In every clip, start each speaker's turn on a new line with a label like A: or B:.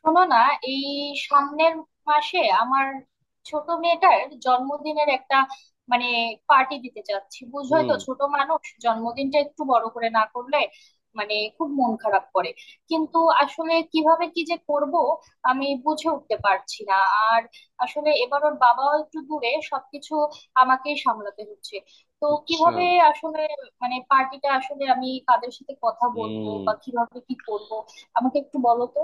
A: শোনো না এই সামনের মাসে আমার ছোট মেয়েটার জন্মদিনের একটা মানে পার্টি দিতে চাচ্ছি। বুঝোই
B: হুম।
A: তো, ছোট মানুষ জন্মদিনটা একটু বড় করে না করলে খুব মন খারাপ করে। কিন্তু আসলে কিভাবে কি যে করব আমি বুঝে উঠতে পারছি না। আর আসলে এবার ওর বাবাও একটু দূরে, সবকিছু আমাকেই সামলাতে হচ্ছে। তো
B: আচ্ছা।
A: কিভাবে আসলে পার্টিটা আসলে আমি কাদের সাথে কথা বলবো
B: হুম।
A: বা কিভাবে কি করব আমাকে একটু বলো তো।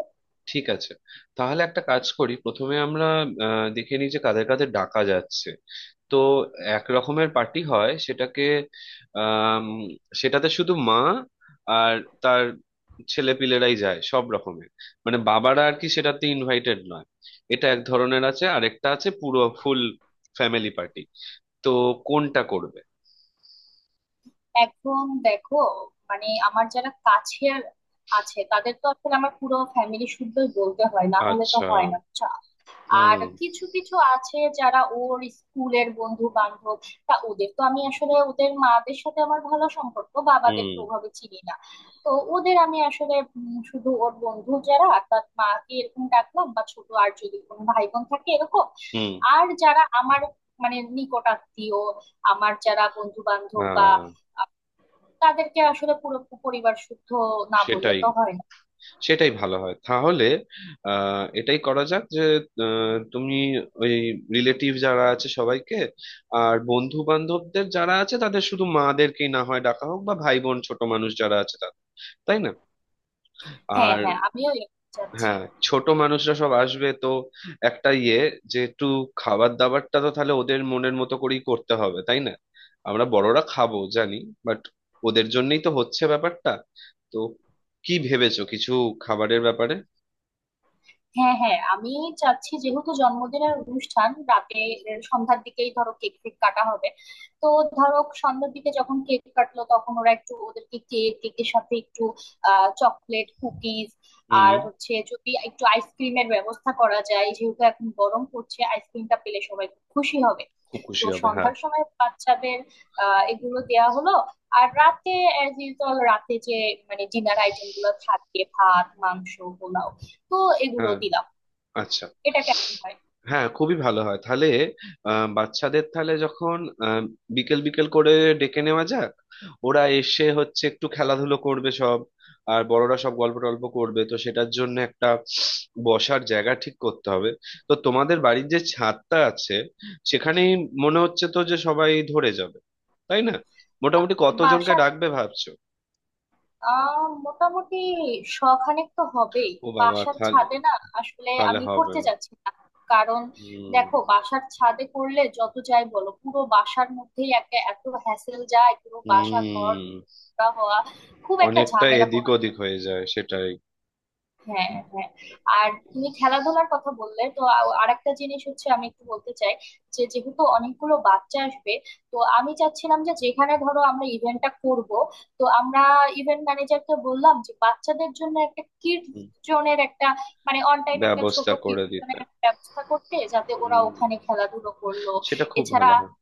B: ঠিক আছে। তাহলে একটা কাজ করি, প্রথমে আমরা দেখে নিই যে কাদের কাদের ডাকা যাচ্ছে। তো এক রকমের পার্টি হয়, সেটাকে আম, সেটাতে শুধু মা আর তার ছেলে পিলেরাই যায় সব রকমের, মানে বাবারা আর কি সেটাতে ইনভাইটেড নয়। এটা এক ধরনের আছে, আর একটা আছে পুরো ফুল ফ্যামিলি পার্টি। তো কোনটা করবে?
A: এখন দেখো, আমার যারা কাছের আছে তাদের তো আসলে আমার পুরো ফ্যামিলি শুদ্ধই বলতে হয়, না হলে তো
B: আচ্ছা।
A: হয় না, বুঝছো? আর
B: হুম।
A: কিছু কিছু আছে যারা ওর স্কুলের বন্ধু বান্ধব, তা ওদের তো আমি আসলে ওদের মাদের সাথে আমার ভালো সম্পর্ক, বাবাদের
B: হুম।
A: তো ওভাবে চিনি না। তো ওদের আমি আসলে শুধু ওর বন্ধু যারা তার মাকে এরকম ডাকলাম বা ছোট আর যদি কোনো ভাই বোন থাকে এরকম।
B: হুম।
A: আর যারা আমার নিকট আত্মীয়, আমার যারা বন্ধু বান্ধব বা
B: হ্যাঁ।
A: তাদেরকে আসলে পুরো পরিবার শুদ্ধ না বললে
B: সেটাই
A: তো হয় না।
B: সেটাই ভালো হয় তাহলে। এটাই করা যাক যে, তুমি ওই রিলেটিভ যারা আছে সবাইকে, আর বন্ধু বান্ধবদের যারা আছে তাদের শুধু মাদেরকেই না হয় ডাকা হোক, বা ভাই বোন ছোট মানুষ যারা আছে তাদের, তাই না?
A: হ্যাঁ,
B: আর
A: হ্যাঁ, আমিও এরকম চাচ্ছি।
B: হ্যাঁ, ছোট মানুষরা সব আসবে তো। একটা ইয়ে, যে একটু খাবার দাবারটা তো তাহলে ওদের মনের মতো করেই করতে হবে, তাই না? আমরা বড়রা খাবো জানি, বাট ওদের জন্যই তো হচ্ছে ব্যাপারটা। তো কি ভেবেছো কিছু খাবারের ব্যাপারে?
A: হ্যাঁ, হ্যাঁ, আমি চাচ্ছি যেহেতু জন্মদিনের অনুষ্ঠান রাতে, এর সন্ধ্যার দিকেই ধরো কেক ফেক কাটা হবে। তো ধরো সন্ধ্যার দিকে যখন কেক কাটলো তখন ওরা একটু ওদেরকে কেক কেকের সাথে একটু চকলেট কুকিজ
B: হুম।
A: আর হচ্ছে যদি একটু আইসক্রিমের ব্যবস্থা করা যায়, যেহেতু এখন গরম পড়ছে আইসক্রিমটা পেলে সবাই খুব খুশি হবে।
B: খুব
A: তো
B: খুশি হবে। হ্যাঁ।
A: সন্ধ্যার সময় বাচ্চাদের এগুলো দেয়া হলো। আর রাতে অ্যাজ ইউজুয়াল রাতে যে ডিনার আইটেম গুলো থাকে, ভাত, মাংস, পোলাও, তো এগুলো
B: হ্যাঁ।
A: দিলাম।
B: আচ্ছা।
A: এটা কেমন হয়?
B: হ্যাঁ, খুবই ভালো হয় তাহলে। বাচ্চাদের তাহলে যখন, আহ, বিকেল বিকেল করে ডেকে নেওয়া যাক। ওরা এসে হচ্ছে একটু খেলাধুলো করবে সব, আর বড়রা সব গল্প টল্প করবে, তো সেটার জন্য একটা বসার জায়গা ঠিক করতে হবে। তো তোমাদের বাড়ির যে ছাদটা আছে, সেখানেই মনে হচ্ছে তো যে সবাই ধরে যাবে, তাই না? মোটামুটি কতজনকে
A: বাসার
B: ডাকবে ভাবছো?
A: মোটামুটি শখানেক তো হবেই।
B: ও বাবা,
A: বাসার
B: তাহলে
A: ছাদে না আসলে
B: তাহলে
A: আমি
B: হবে
A: করতে
B: না।
A: যাচ্ছি না, কারণ
B: হুম।
A: দেখো বাসার ছাদে করলে যত যাই বলো পুরো বাসার মধ্যেই একটা এত হ্যাসেল যায়, পুরো বাসা ঘর
B: হুম।
A: নোংরা হওয়া, খুব একটা
B: অনেকটা
A: ঝামেলা
B: এদিক
A: পোহাতে
B: ওদিক
A: হয়।
B: হয়ে যায়, সেটাই।
A: হ্যাঁ, হ্যাঁ। আর তুমি খেলাধুলার কথা বললে তো আরেকটা জিনিস হচ্ছে আমি একটু বলতে চাই যে যেহেতু অনেকগুলো বাচ্চা আসবে, তো আমি চাচ্ছিলাম যে যেখানে ধরো আমরা ইভেন্টটা করব তো আমরা ইভেন্ট ম্যানেজারকে বললাম যে বাচ্চাদের জন্য একটা কিড
B: হুম,
A: জোনের একটা অন টাইম একটা ছোট
B: ব্যবস্থা
A: কিড
B: করে দিতে।
A: জোনের একটা ব্যবস্থা করতে, যাতে ওরা
B: হুম।
A: ওখানে খেলাধুলো করলো।
B: সেটা খুব
A: এছাড়া
B: ভালো হয়।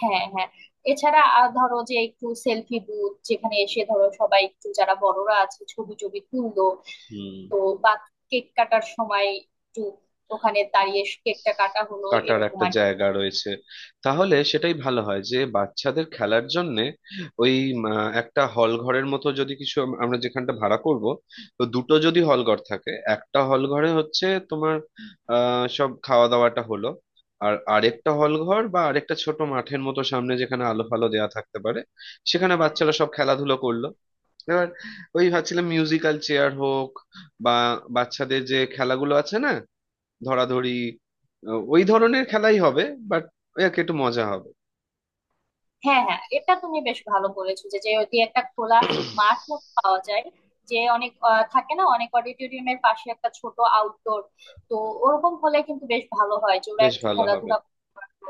A: হ্যাঁ, হ্যাঁ, এছাড়া আর ধরো যে একটু সেলফি বুথ, যেখানে এসে ধরো সবাই একটু যারা বড়রা আছে ছবি টবি তুললো
B: হুম।
A: তো, বা কেক কাটার সময় একটু ওখানে দাঁড়িয়ে কেকটা কাটা হলো
B: কাটার
A: এরকম
B: একটা
A: আর কি।
B: জায়গা রয়েছে। তাহলে সেটাই ভালো হয় যে বাচ্চাদের খেলার জন্য ওই একটা হল ঘরের মতো যদি কিছু, আমরা যেখানটা ভাড়া করব। তো দুটো যদি হল ঘর থাকে, একটা হল ঘরে হচ্ছে তোমার সব খাওয়া দাওয়াটা হলো, আর আরেকটা হল ঘর বা আরেকটা ছোট মাঠের মতো সামনে যেখানে আলো ফালো দেওয়া থাকতে পারে, সেখানে বাচ্চারা সব খেলাধুলো করলো। এবার ওই ভাবছিলাম মিউজিক্যাল চেয়ার হোক, বা বাচ্চাদের যে খেলাগুলো আছে না, ধরাধরি, ওই ধরনের খেলাই হবে। বাট ওই আর কি একটু মজা হবে।
A: হ্যাঁ, হ্যাঁ, এটা তুমি বেশ ভালো বলেছো, যে যদি একটা খোলা মাঠ মতো পাওয়া যায়, যে অনেক থাকে না অনেক অডিটোরিয়ামের পাশে একটা ছোট আউটডোর, তো ওরকম হলে কিন্তু বেশ ভালো হয়, যে ওরা
B: বেশ
A: একটু
B: ভালো হবে।
A: খেলাধুলা করতে পারলো।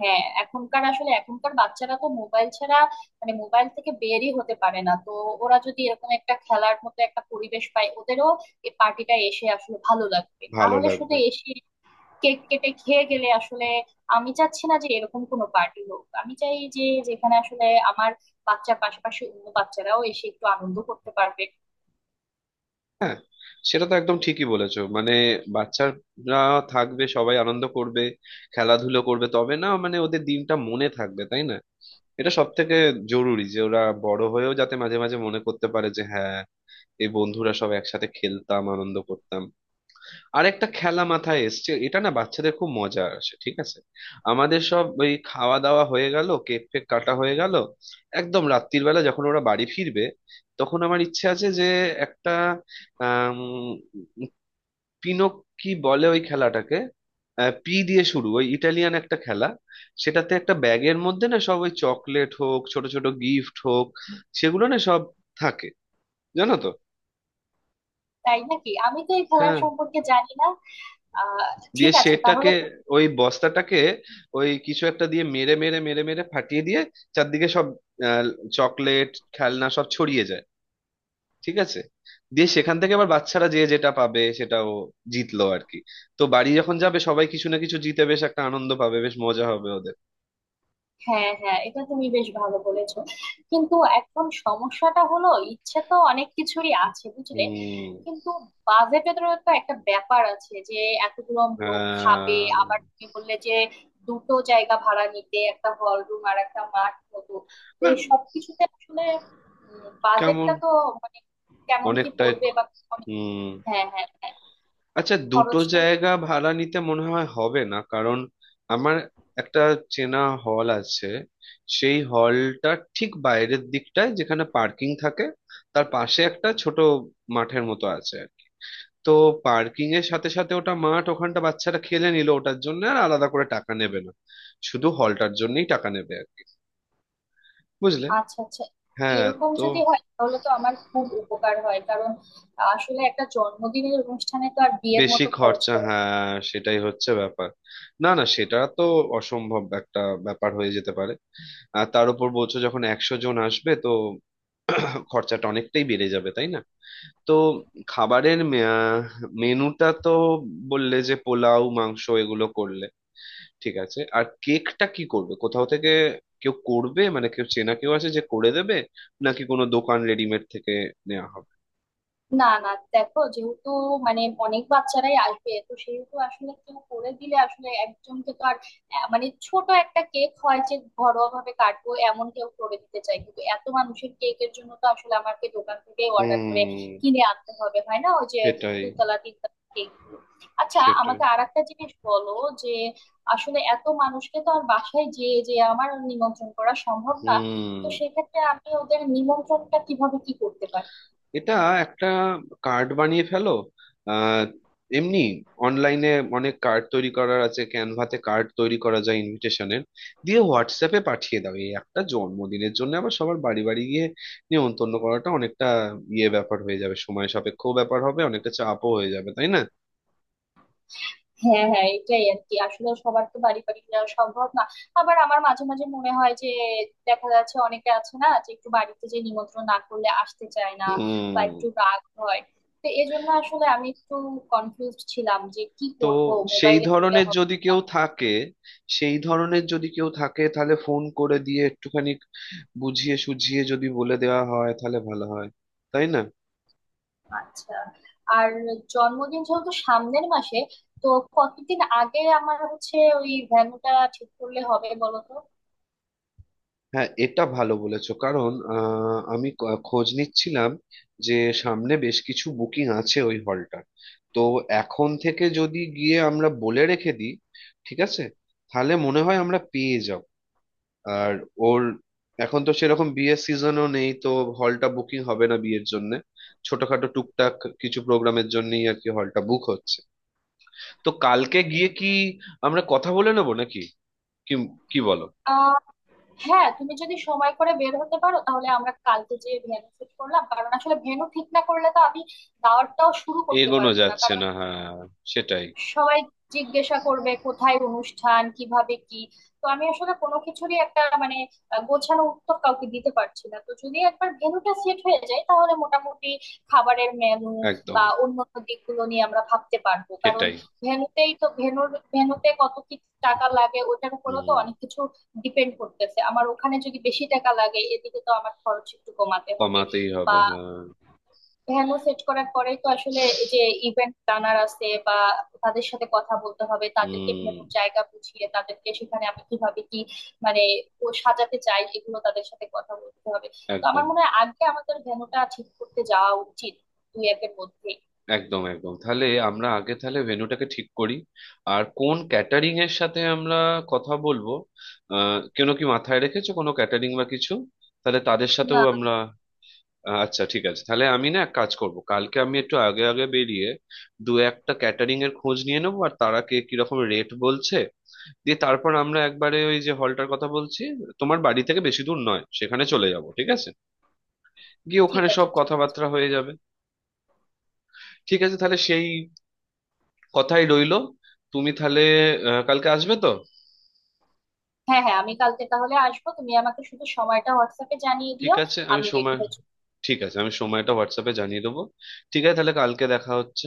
A: হ্যাঁ, এখনকার আসলে এখনকার বাচ্চারা তো মোবাইল ছাড়া মোবাইল থেকে বেরই হতে পারে না, তো ওরা যদি এরকম একটা খেলার মতো একটা পরিবেশ পায় ওদেরও এই পার্টিটা এসে আসলে ভালো লাগবে,
B: ভালো
A: তাহলে শুধু
B: লাগবে।
A: এসে কেক কেটে খেয়ে গেলে আসলে আমি চাচ্ছি না যে এরকম কোনো পার্টি হোক। আমি চাই যে যেখানে আসলে আমার বাচ্চার পাশাপাশি অন্য বাচ্চারাও এসে একটু আনন্দ করতে পারবে।
B: হ্যাঁ, সেটা তো একদম ঠিকই বলেছো, মানে বাচ্চারা থাকবে, সবাই আনন্দ করবে, খেলাধুলো করবে, তবে না মানে ওদের দিনটা মনে থাকবে, তাই না? এটা সব থেকে জরুরি যে ওরা বড় হয়েও যাতে মাঝে মাঝে মনে করতে পারে যে, হ্যাঁ, এই বন্ধুরা সব একসাথে খেলতাম আনন্দ করতাম। আরেকটা খেলা মাথায় এসছে, এটা না বাচ্চাদের খুব মজা আসে, ঠিক আছে। আমাদের সব ওই খাওয়া দাওয়া হয়ে গেল, কেক ফেক কাটা হয়ে গেল, একদম রাত্রির বেলা যখন ওরা বাড়ি ফিরবে, তখন আমার ইচ্ছে আছে যে একটা আম, পিনক, কি বলে ওই খেলাটাকে, পি দিয়ে শুরু, ওই ইটালিয়ান একটা খেলা। সেটাতে একটা ব্যাগের মধ্যে না সব ওই চকলেট হোক, ছোট ছোট গিফট হোক, সেগুলো না সব থাকে, জানো তো।
A: তাই নাকি? আমি তো এই খেলার
B: হ্যাঁ,
A: সম্পর্কে জানি না। আহ ঠিক
B: দিয়ে
A: আছে তাহলে।
B: সেটাকে, ওই বস্তাটাকে ওই কিছু একটা দিয়ে মেরে মেরে মেরে মেরে ফাটিয়ে দিয়ে চারদিকে সব চকলেট খেলনা সব ছড়িয়ে যায়, ঠিক আছে? দিয়ে সেখান থেকে আবার বাচ্চারা যে যেটা পাবে সেটা ও জিতলো আর কি। তো বাড়ি যখন যাবে, সবাই কিছু না কিছু জিতে বেশ একটা আনন্দ পাবে, বেশ মজা হবে ওদের।
A: হ্যাঁ, হ্যাঁ, এটা তুমি বেশ ভালো বলেছো, কিন্তু এখন সমস্যাটা হলো ইচ্ছে তো অনেক কিছুরই আছে বুঝলে,
B: হুম।
A: কিন্তু বাজেটেরও তো একটা ব্যাপার আছে, যে এতগুলো লোক খাবে,
B: আহ,
A: আবার তুমি বললে যে দুটো জায়গা ভাড়া নিতে, একটা হল রুম আর একটা মাঠ মতো, তো
B: না।
A: এই সব কিছুতে আসলে
B: কেমন?
A: বাজেটটা তো মানে কেমন কি
B: অনেকটাই।
A: পড়বে বা। অনেক-
B: হুম।
A: হ্যাঁ, হ্যাঁ, হ্যাঁ,
B: আচ্ছা, দুটো
A: খরচটা।
B: জায়গা ভাড়া নিতে মনে হয় হবে না, কারণ আমার একটা চেনা হল আছে। সেই হলটা ঠিক বাইরের দিকটায় যেখানে পার্কিং থাকে, তার পাশে একটা ছোট মাঠের মতো আছে আর কি। তো পার্কিং এর সাথে সাথে ওটা মাঠ, ওখানটা বাচ্চারা খেলে নিল, ওটার জন্য আর আলাদা করে টাকা নেবে না, শুধু হলটার জন্যই টাকা নেবে আর কি, বুঝলে?
A: আচ্ছা, আচ্ছা,
B: হ্যাঁ।
A: এরকম
B: তো
A: যদি হয় তাহলে তো আমার খুব উপকার হয়, কারণ আসলে একটা জন্মদিনের অনুষ্ঠানে তো আর বিয়ের
B: বেশি
A: মতো খরচ
B: খরচা,
A: করা।
B: হ্যাঁ, সেটাই হচ্ছে ব্যাপার। না না, সেটা তো অসম্ভব একটা ব্যাপার হয়ে যেতে পারে। আর তার উপর বলছো যখন একশো জন আসবে, তো খরচাটা অনেকটাই বেড়ে যাবে, তাই না? তো খাবারের মেনুটা তো বললে যে পোলাও মাংস এগুলো করলে ঠিক আছে। আর কেকটা কি করবে? কোথাও থেকে কেউ করবে, মানে কেউ চেনা কেউ আছে যে করে দেবে, নাকি কোনো দোকান রেডিমেড থেকে নেওয়া হবে?
A: না, না, দেখো যেহেতু মানে অনেক বাচ্চারাই আসবে, তো সেহেতু আসলে কেউ করে দিলে আসলে একজনকে তো আর মানে ছোট একটা কেক হয় যে ঘরোয়া ভাবে কাটবো এমন কেউ করে দিতে চাই, কিন্তু এত মানুষের কেকের জন্য তো আসলে আমাকে দোকান থেকে অর্ডার করে
B: হুম।
A: কিনে আনতে হবে, হয় না? ওই যে
B: সেটাই।
A: দুতলা তিনতলা কেক। আচ্ছা,
B: সেটাই।
A: আমাকে আর একটা জিনিস বলো যে আসলে এত মানুষকে তো আর বাসায় যেয়ে যে আমার নিমন্ত্রণ করা সম্ভব না,
B: হুম।
A: তো সেক্ষেত্রে আমি ওদের নিমন্ত্রণটা কিভাবে কি করতে পারি।
B: এটা একটা কার্ড বানিয়ে ফেলো। আহ এমনি অনলাইনে অনেক কার্ড তৈরি করার আছে, ক্যানভাতে কার্ড তৈরি করা যায় ইনভিটেশনের, দিয়ে হোয়াটসঅ্যাপে পাঠিয়ে দাও। এই একটা জন্মদিনের জন্য আবার সবার বাড়ি বাড়ি গিয়ে নিমন্ত্রণ করাটা অনেকটা ইয়ে ব্যাপার হয়ে যাবে, সময় সাপেক্ষ ব্যাপার হবে, অনেকটা চাপও হয়ে যাবে, তাই না?
A: হ্যাঁ, হ্যাঁ, এটাই আর কি, আসলে সবার তো বাড়ি বাড়ি যাওয়া সম্ভব না। আবার আমার মাঝে মাঝে মনে হয় যে দেখা যাচ্ছে অনেকে আছে না, যে একটু বাড়িতে যে নিমন্ত্রণ না করলে আসতে চায় না বা
B: হুম।
A: একটু রাগ হয়, তো এই জন্য আসলে আমি একটু কনফিউজ ছিলাম যে কি
B: তো
A: করব,
B: সেই
A: মোবাইলে করলে
B: ধরনের
A: হবে
B: যদি
A: না।
B: কেউ থাকে, সেই ধরনের যদি কেউ থাকে তাহলে ফোন করে দিয়ে একটুখানি বুঝিয়ে সুঝিয়ে যদি বলে দেওয়া হয় তাহলে ভালো হয়, তাই না?
A: আচ্ছা। আর জন্মদিন যেহেতু সামনের মাসে, তো কতদিন আগে আমার হচ্ছে ওই ভেন্যুটা ঠিক করলে হবে বলো
B: হ্যাঁ, এটা ভালো বলেছো। কারণ আমি খোঁজ নিচ্ছিলাম যে সামনে বেশ কিছু বুকিং আছে ওই হলটার। তো এখন থেকে যদি গিয়ে আমরা বলে রেখে দিই, ঠিক আছে, তাহলে মনে হয় আমরা পেয়ে যাব। আর ওর এখন তো সেরকম বিয়ের সিজনও নেই, তো হলটা বুকিং হবে না বিয়ের জন্য। ছোটখাটো টুকটাক কিছু প্রোগ্রামের জন্যই আর কি হলটা বুক হচ্ছে। তো কালকে গিয়ে কি আমরা কথা বলে নেবো নাকি, কি কি বলো?
A: তো। হ্যাঁ, তুমি যদি সময় করে বের হতে পারো তাহলে আমরা কালকে যে ভেন্যু সেট করলাম, কারণ আসলে ভেন্যু ঠিক না করলে তো আমি দাওয়াতটাও শুরু করতে
B: এগোনো
A: পারবো না,
B: যাচ্ছে
A: কারণ
B: না, হ্যাঁ, সেটাই।
A: সবাই জিজ্ঞাসা করবে কোথায় অনুষ্ঠান, কিভাবে কি, তো আমি আসলে কোনো কিছুরই একটা গোছানো উত্তর কাউকে দিতে পারছি না, তো যদি একবার ভেন্যুটা সেট হয়ে যায় তাহলে মোটামুটি খাবারের মেনু
B: একদম।
A: বা অন্য দিকগুলো নিয়ে আমরা ভাবতে পারবো, কারণ
B: সেটাই।
A: ভেন্যুতেই তো ভেন্যুর ভেন্যুতে কত কি টাকা লাগে ওটার উপরও তো
B: হুম।
A: অনেক কিছু ডিপেন্ড করতেছে। আমার ওখানে যদি বেশি টাকা লাগে এদিকে তো আমার খরচ একটু কমাতে হবে।
B: কমাতেই
A: বা
B: হবে, হ্যাঁ।
A: ভ্যানও সেট করার পরেই তো আসলে এই যে ইভেন্ট প্ল্যানার আছে বা তাদের সাথে কথা বলতে হবে, তাদেরকে
B: হুম।
A: ভেন্যুর জায়গা বুঝিয়ে তাদেরকে সেখানে আমি কিভাবে কি মানে ও সাজাতে চাই, এগুলো তাদের সাথে কথা বলতে হবে। তো আমার
B: একদম
A: মনে হয় আগে আমাদের ভেন্যুটা ঠিক করতে যাওয়া উচিত, দুই একের মধ্যে।
B: একদম একদম তাহলে আমরা আগে তাহলে ভেন্যুটাকে ঠিক করি। আর কোন ক্যাটারিং এর সাথে আমরা কথা বলবো? কেন কি মাথায় রেখেছো কোনো ক্যাটারিং বা কিছু? তাহলে তাদের সাথেও
A: না।
B: আমরা। আচ্ছা ঠিক আছে, তাহলে আমি না এক কাজ করব, কালকে আমি একটু আগে আগে বেরিয়ে দু একটা ক্যাটারিং এর খোঁজ নিয়ে নেবো, আর তারা কে কিরকম রেট বলছে, দিয়ে তারপর আমরা একবারে ওই যে হলটার কথা বলছি তোমার বাড়ি থেকে বেশি দূর নয়, সেখানে চলে যাব, ঠিক আছে? গিয়ে
A: ঠিক
B: ওখানে
A: আছে,
B: সব
A: ঠিক আছে।
B: কথাবার্তা হয়ে যাবে। ঠিক আছে, তাহলে সেই কথাই রইলো। তুমি তাহলে কালকে আসবে তো?
A: হ্যাঁ, হ্যাঁ, আমি কালকে তাহলে আসবো, তুমি আমাকে শুধু সময়টা হোয়াটসঅ্যাপে জানিয়ে
B: ঠিক
A: দিও।
B: আছে। আমি
A: আমি রেডি
B: সময়
A: হয়ে চলে
B: ঠিক আছে, আমি সময়টা হোয়াটসঅ্যাপে জানিয়ে দেবো। ঠিক আছে, তাহলে কালকে দেখা হচ্ছে।